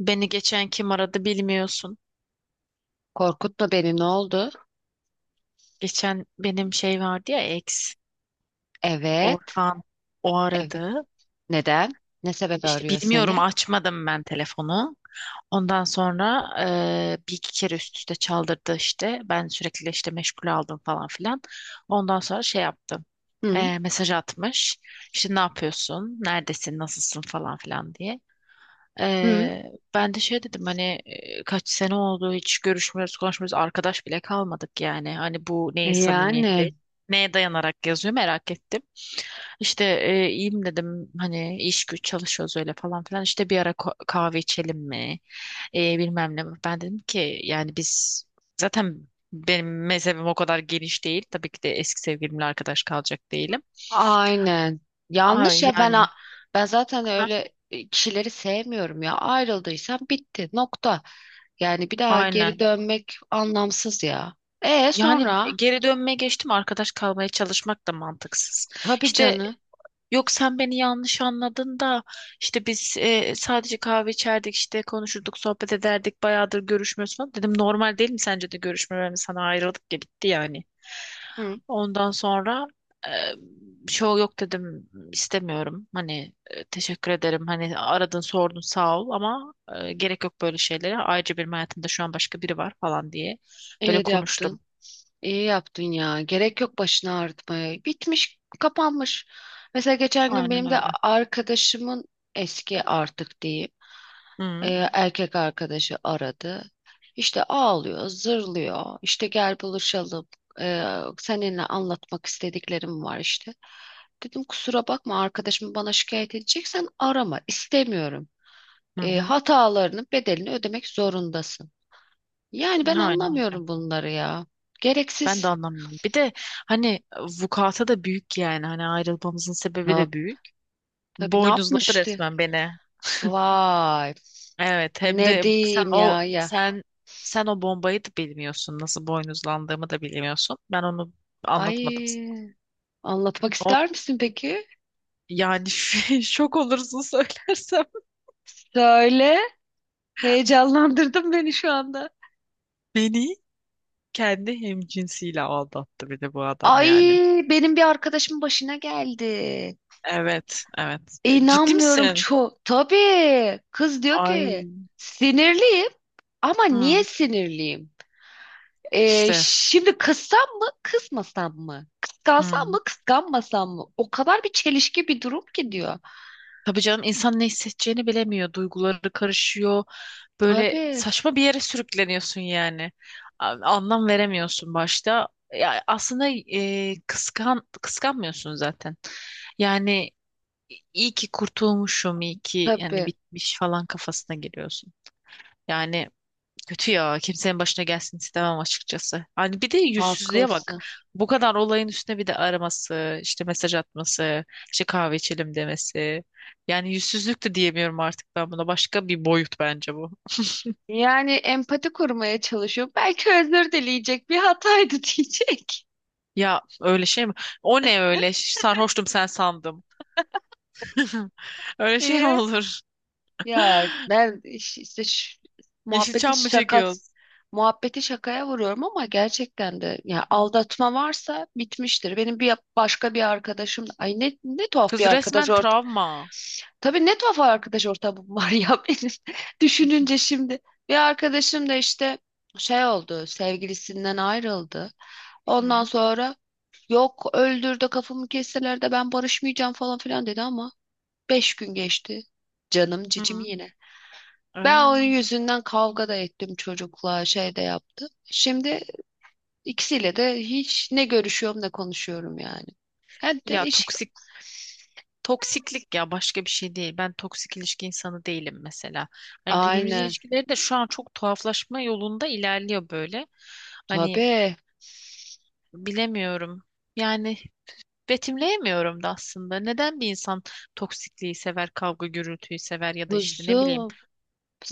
Beni geçen kim aradı bilmiyorsun. Korkutma beni, ne oldu? Geçen benim şey vardı ya ex Evet. Orhan o Evet. aradı. Neden? Ne sebebi İşte arıyor bilmiyorum seni? açmadım ben telefonu. Ondan sonra bir iki kere üst üste çaldırdı işte. Ben sürekli işte meşgul aldım falan filan. Ondan sonra şey yaptım. Hı Mesaj atmış. İşte ne yapıyorsun? Neredesin? Nasılsın falan filan diye. hı. Ben de şey dedim hani kaç sene oldu hiç görüşmüyoruz konuşmuyoruz arkadaş bile kalmadık yani hani bu E, neyin samimiyeti yani neye dayanarak yazıyor merak ettim işte iyiyim dedim hani iş güç çalışıyoruz öyle falan filan işte bir ara kahve içelim mi? Bilmem ne ben dedim ki yani biz zaten benim mezhebim o kadar geniş değil tabii ki de eski sevgilimle arkadaş kalacak değilim. aynen. Yanlış Ay, ya, yani. ben zaten Ha, öyle kişileri sevmiyorum ya. Ayrıldıysan bitti. Nokta. Yani bir daha geri aynen. dönmek anlamsız ya. E Yani sonra geri dönmeye geçtim arkadaş kalmaya çalışmak da mantıksız. tabii İşte canı. yok, sen beni yanlış anladın da işte biz sadece kahve içerdik işte konuşurduk sohbet ederdik bayağıdır görüşmüyorsun falan. Dedim normal değil mi sence de görüşmememiz, sana ayrıldık ya, bitti yani. Hı. Ondan sonra şey yok dedim, istemiyorum hani, teşekkür ederim hani aradın sordun sağ ol ama gerek yok böyle şeylere. Ayrıca benim hayatımda şu an başka biri var falan diye böyle İyi de konuştum. yaptın. İyi yaptın ya. Gerek yok başını ağrıtmaya. Bitmiş, kapanmış. Mesela geçen gün Aynen benim de öyle. arkadaşımın eski artık diyeyim e, Hı. erkek arkadaşı aradı. İşte ağlıyor, zırlıyor. İşte gel buluşalım. E, Seninle anlatmak istediklerim var işte. Dedim kusura bakma arkadaşım, bana şikayet edeceksen arama, istemiyorum. Hı hı. Hatalarının bedelini ödemek zorundasın. Yani ben Aynen öyle. anlamıyorum bunları ya. Ben de Gereksiz. anlamıyorum. Bir de hani vukuata da büyük yani. Hani ayrılmamızın sebebi de büyük. Tabii, ne Boynuzladı yapmıştı? resmen beni. Vay. Evet, hem Ne de sen diyeyim o ya, ya. sen sen o bombayı da bilmiyorsun. Nasıl boynuzlandığımı da bilmiyorsun. Ben onu anlatmadım sana. Ay, anlatmak Onu, ister misin peki? yani şok olursun söylersem. Söyle. Heyecanlandırdın beni şu anda. Beni kendi hemcinsiyle aldattı bir de bu adam Ay, yani. benim bir arkadaşımın başına geldi. Evet, evet. Ciddi İnanmıyorum misin? çok. Tabii. Kız diyor ki Ay. sinirliyim, ama niye Hı. sinirliyim? İşte. Şimdi kızsam mı kızmasam mı? Kıskansam Hı. mı kıskanmasam mı? O kadar bir çelişki, bir durum ki diyor. Tabii canım, insan ne hissedeceğini bilemiyor. Duyguları karışıyor. Böyle Tabii. saçma bir yere sürükleniyorsun yani. Anlam veremiyorsun başta. Ya aslında kıskan kıskanmıyorsun zaten. Yani iyi ki kurtulmuşum, iyi ki yani Tabii. bitmiş falan kafasına giriyorsun. Yani kötü ya. Kimsenin başına gelsin istemem açıkçası. Hani bir de yüzsüzlüğe Haklısın. bak. Bu kadar olayın üstüne bir de araması, işte mesaj atması, işte kahve içelim demesi. Yani yüzsüzlük de diyemiyorum artık ben buna. Başka bir boyut bence bu. Yani empati kurmaya çalışıyor. Belki özür dileyecek, bir hataydı diyecek Ya öyle şey mi? O ne öyle? Sarhoştum, sen sandım. Öyle şey mi diye. olur? Ya ben iş- işte ş- muhabbeti Yeşilçam mı çekiyoruz? Şakaya vuruyorum, ama gerçekten de ya Hı. aldatma varsa bitmiştir. Benim bir başka bir arkadaşım, ay, ne tuhaf bir Kız arkadaş resmen ort. travma. Tabii, ne tuhaf arkadaş ortamım var ya benim. Düşününce şimdi bir arkadaşım da işte şey oldu, sevgilisinden ayrıldı. Ondan Hı. sonra yok, öldürdü, kafamı kesseler de ben barışmayacağım falan filan dedi, ama 5 gün geçti. Canım cicim Hı. yine. Ben onun Ay. yüzünden kavga da ettim çocukla, şey de yaptım. Şimdi ikisiyle de hiç ne görüşüyorum ne konuşuyorum yani. Hem de Ya iş... toksik Toksiklik ya, başka bir şey değil. Ben toksik ilişki insanı değilim mesela. Hani günümüz Aynen, ilişkileri de şu an çok tuhaflaşma yolunda ilerliyor böyle. Hani tabii, bilemiyorum. Yani betimleyemiyorum da aslında. Neden bir insan toksikliği sever, kavga gürültüyü sever ya da işte ne bileyim. kuzum,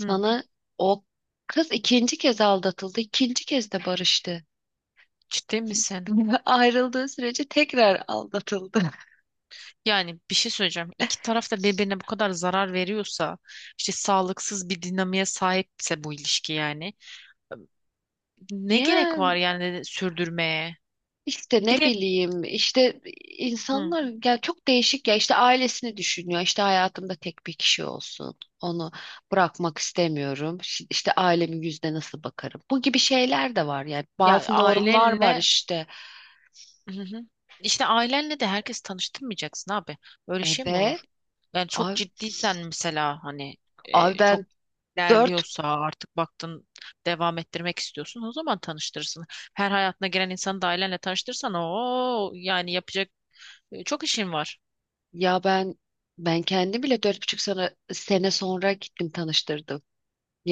Hı, o kız ikinci kez aldatıldı, ikinci kez de barıştı. ciddi misin? Ayrıldığı sürece tekrar aldatıldı. Yani bir şey söyleyeceğim. İki taraf da birbirine bu kadar zarar veriyorsa, işte sağlıksız bir dinamiğe sahipse bu ilişki yani. Ne gerek Ya, var yani sürdürmeye? İşte Bir ne de bileyim, işte Hı. insanlar ya çok değişik ya, işte ailesini düşünüyor, işte hayatımda tek bir kişi olsun, onu bırakmak istemiyorum, işte ailemin yüzüne nasıl bakarım, bu gibi şeyler de var yani, Ya bazı normlar var ailenle işte. Hı hı. işte ailenle de herkes tanıştırmayacaksın abi. Böyle şey mi Evet. olur? Yani çok Abi, ciddiysen mesela hani abi çok ben dört ilerliyorsa artık baktın devam ettirmek istiyorsun, o zaman tanıştırırsın. Her hayatına giren insanı da ailenle tanıştırırsan o yani yapacak çok işin var. ya ben ben kendim bile dört buçuk sene, sene sonra gittim tanıştırdım,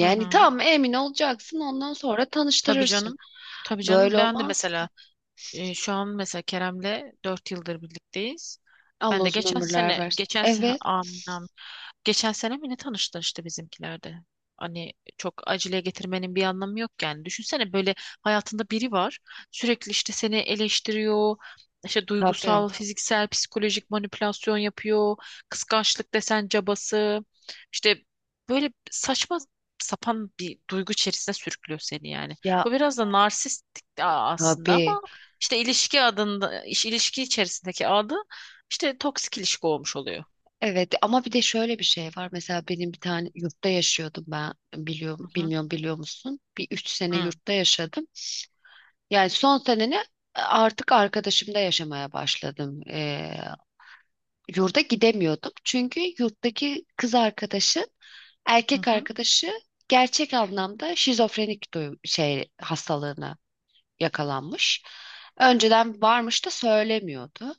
Hı hı. tam emin olacaksın ondan sonra Tabii tanıştırırsın. canım. Tabii canım, Böyle ben de olmaz ki. mesela şu an mesela Kerem'le 4 yıldır birlikteyiz. Ben Allah de uzun ömürler versin. Evet, anam, geçen sene mi ne tanıştılar işte bizimkilerde. Hani çok acele getirmenin bir anlamı yok yani. Düşünsene böyle hayatında biri var. Sürekli işte seni eleştiriyor. İşte tabii. duygusal, fiziksel, psikolojik manipülasyon yapıyor. Kıskançlık desen cabası. İşte böyle saçma sapan bir duygu içerisine sürüklüyor seni yani. Ya, Bu biraz da narsistik aslında tabii. ama işte ilişki adında, ilişki içerisindeki adı işte toksik ilişki olmuş oluyor. Evet, ama bir de şöyle bir şey var. Mesela benim bir tane yurtta yaşıyordum ben. Biliyor, Hı hı. bilmiyorum, biliyor musun? Bir 3 sene Hı hı. yurtta yaşadım. Yani son seneni artık arkadaşımda yaşamaya başladım. Yurda gidemiyordum. Çünkü yurttaki kız arkadaşı, erkek Hı arkadaşı gerçek anlamda şizofrenik şey hastalığına yakalanmış. Önceden varmış da söylemiyordu.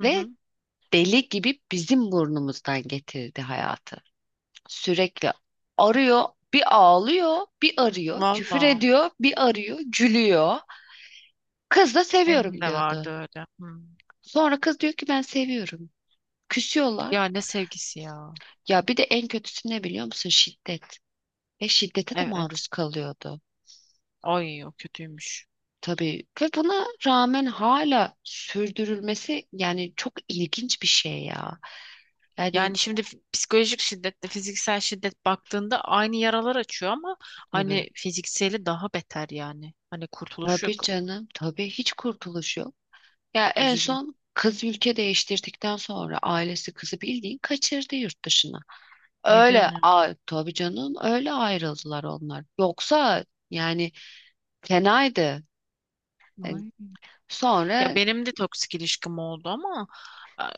hı. Ve Hı. deli gibi bizim burnumuzdan getirdi hayatı. Sürekli arıyor, bir ağlıyor, bir arıyor, küfür Valla ediyor, bir arıyor, gülüyor. Kız da benim seviyorum de vardı diyordu. öyle. Hı. Sonra kız diyor ki ben seviyorum. Ya Küsüyorlar. ne sevgisi ya. Ya bir de en kötüsü ne biliyor musun? Şiddet. Ve şiddete de Evet. maruz kalıyordu. Ay, o kötüymüş. Tabii, ve buna rağmen hala sürdürülmesi yani çok ilginç bir şey ya. Yani, Yani şimdi psikolojik şiddetle fiziksel şiddet baktığında aynı yaralar açıyor ama tabii. hani fizikseli daha beter yani. Hani kurtuluş Tabii yok. canım. Tabii, hiç kurtuluş yok. Ya en Üzücü. son kız ülke değiştirdikten sonra ailesi kızı bildiğin kaçırdı yurt dışına. Ne diyorsun Öyle, ya? a, tabii canım, öyle ayrıldılar onlar. Yoksa yani fenaydı. Yani Ay. Ya sonra. benim de toksik ilişkim oldu ama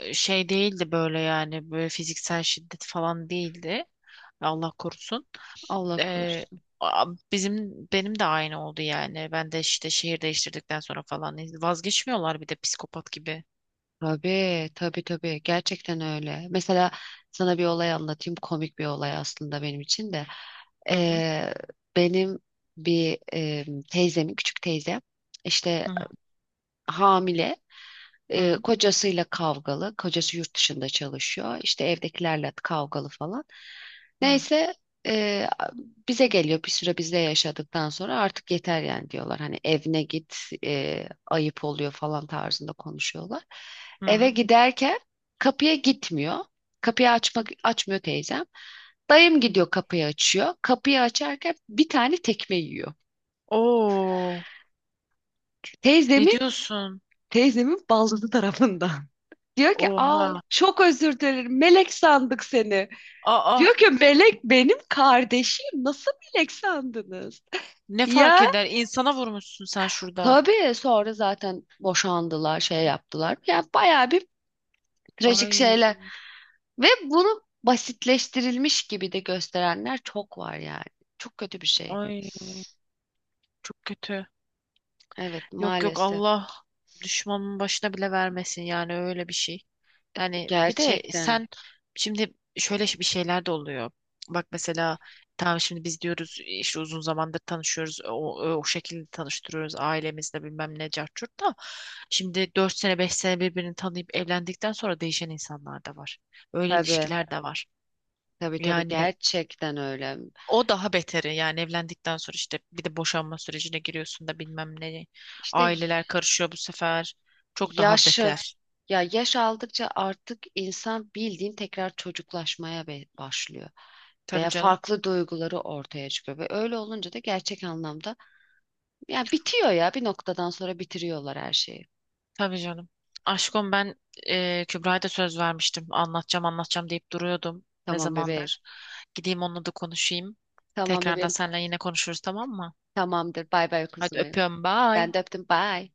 şey değildi, böyle yani böyle fiziksel şiddet falan değildi. Allah korusun. Allah Ee, korusun. a- bizim Benim de aynı oldu yani. Ben de işte şehir değiştirdikten sonra falan vazgeçmiyorlar bir de psikopat gibi. Tabii, tabii, tabii, gerçekten öyle. Mesela sana bir olay anlatayım, komik bir olay aslında benim için de. Hı hı, Ee, Benim bir teyzemin, küçük teyzem işte hı hamile. E, hı, kocasıyla kavgalı. Kocası yurt dışında çalışıyor. İşte evdekilerle kavgalı falan. hı Neyse, e, bize geliyor, bir süre bizde yaşadıktan sonra artık yeter yani diyorlar. Hani evine git, ayıp oluyor falan tarzında konuşuyorlar. hı. Eve Hı. giderken kapıya gitmiyor. Kapıyı açmıyor teyzem. Dayım gidiyor kapıyı açıyor. Kapıyı açarken bir tane tekme yiyor. Oo, ne Teyzemin, diyorsun? teyzemin baldızı tarafından. Diyor ki, aa, Oha. çok özür dilerim, melek sandık seni. Aa, Diyor ki, melek benim kardeşim, nasıl melek sandınız? ne fark Ya eder? İnsana vurmuşsun sen şurada. tabii, sonra zaten boşandılar, şey yaptılar. Yani bayağı bir trajik Ay, şeyler, ve bunu basitleştirilmiş gibi de gösterenler çok var yani. Çok kötü bir şey. ay, çok kötü. Evet, Yok, yok, maalesef. Allah düşmanın başına bile vermesin yani, öyle bir şey. Yani bir de Gerçekten. sen şimdi şöyle bir şeyler de oluyor. Bak mesela, tamam şimdi biz diyoruz işte uzun zamandır tanışıyoruz. O şekilde tanıştırıyoruz ailemizle bilmem ne cahçurt da. Şimdi 4 sene 5 sene birbirini tanıyıp evlendikten sonra değişen insanlar da var. Öyle Tabii, ilişkiler de var. tabii, tabii, Yani gerçekten öyle. o daha beteri yani evlendikten sonra işte bir de boşanma sürecine giriyorsun da bilmem ne. İşte. Aileler karışıyor bu sefer. Çok daha Yaşı beter. yaş aldıkça artık insan bildiğin tekrar çocuklaşmaya başlıyor, Tabii veya canım. farklı duyguları ortaya çıkıyor, ve öyle olunca da gerçek anlamda ya bitiyor ya bir noktadan sonra bitiriyorlar her şeyi. Tabii canım. Aşkım, ben Kübra'ya da söz vermiştim. Anlatacağım anlatacağım deyip duruyordum ne Tamam bebeğim. zamandır. Gideyim onunla da konuşayım. Tamam Tekrardan bebeğim. seninle yine konuşuruz, tamam mı? Tamamdır. Bay bay Hadi kuzum benim. öpüyorum, bye. Ben de öptüm. Bye.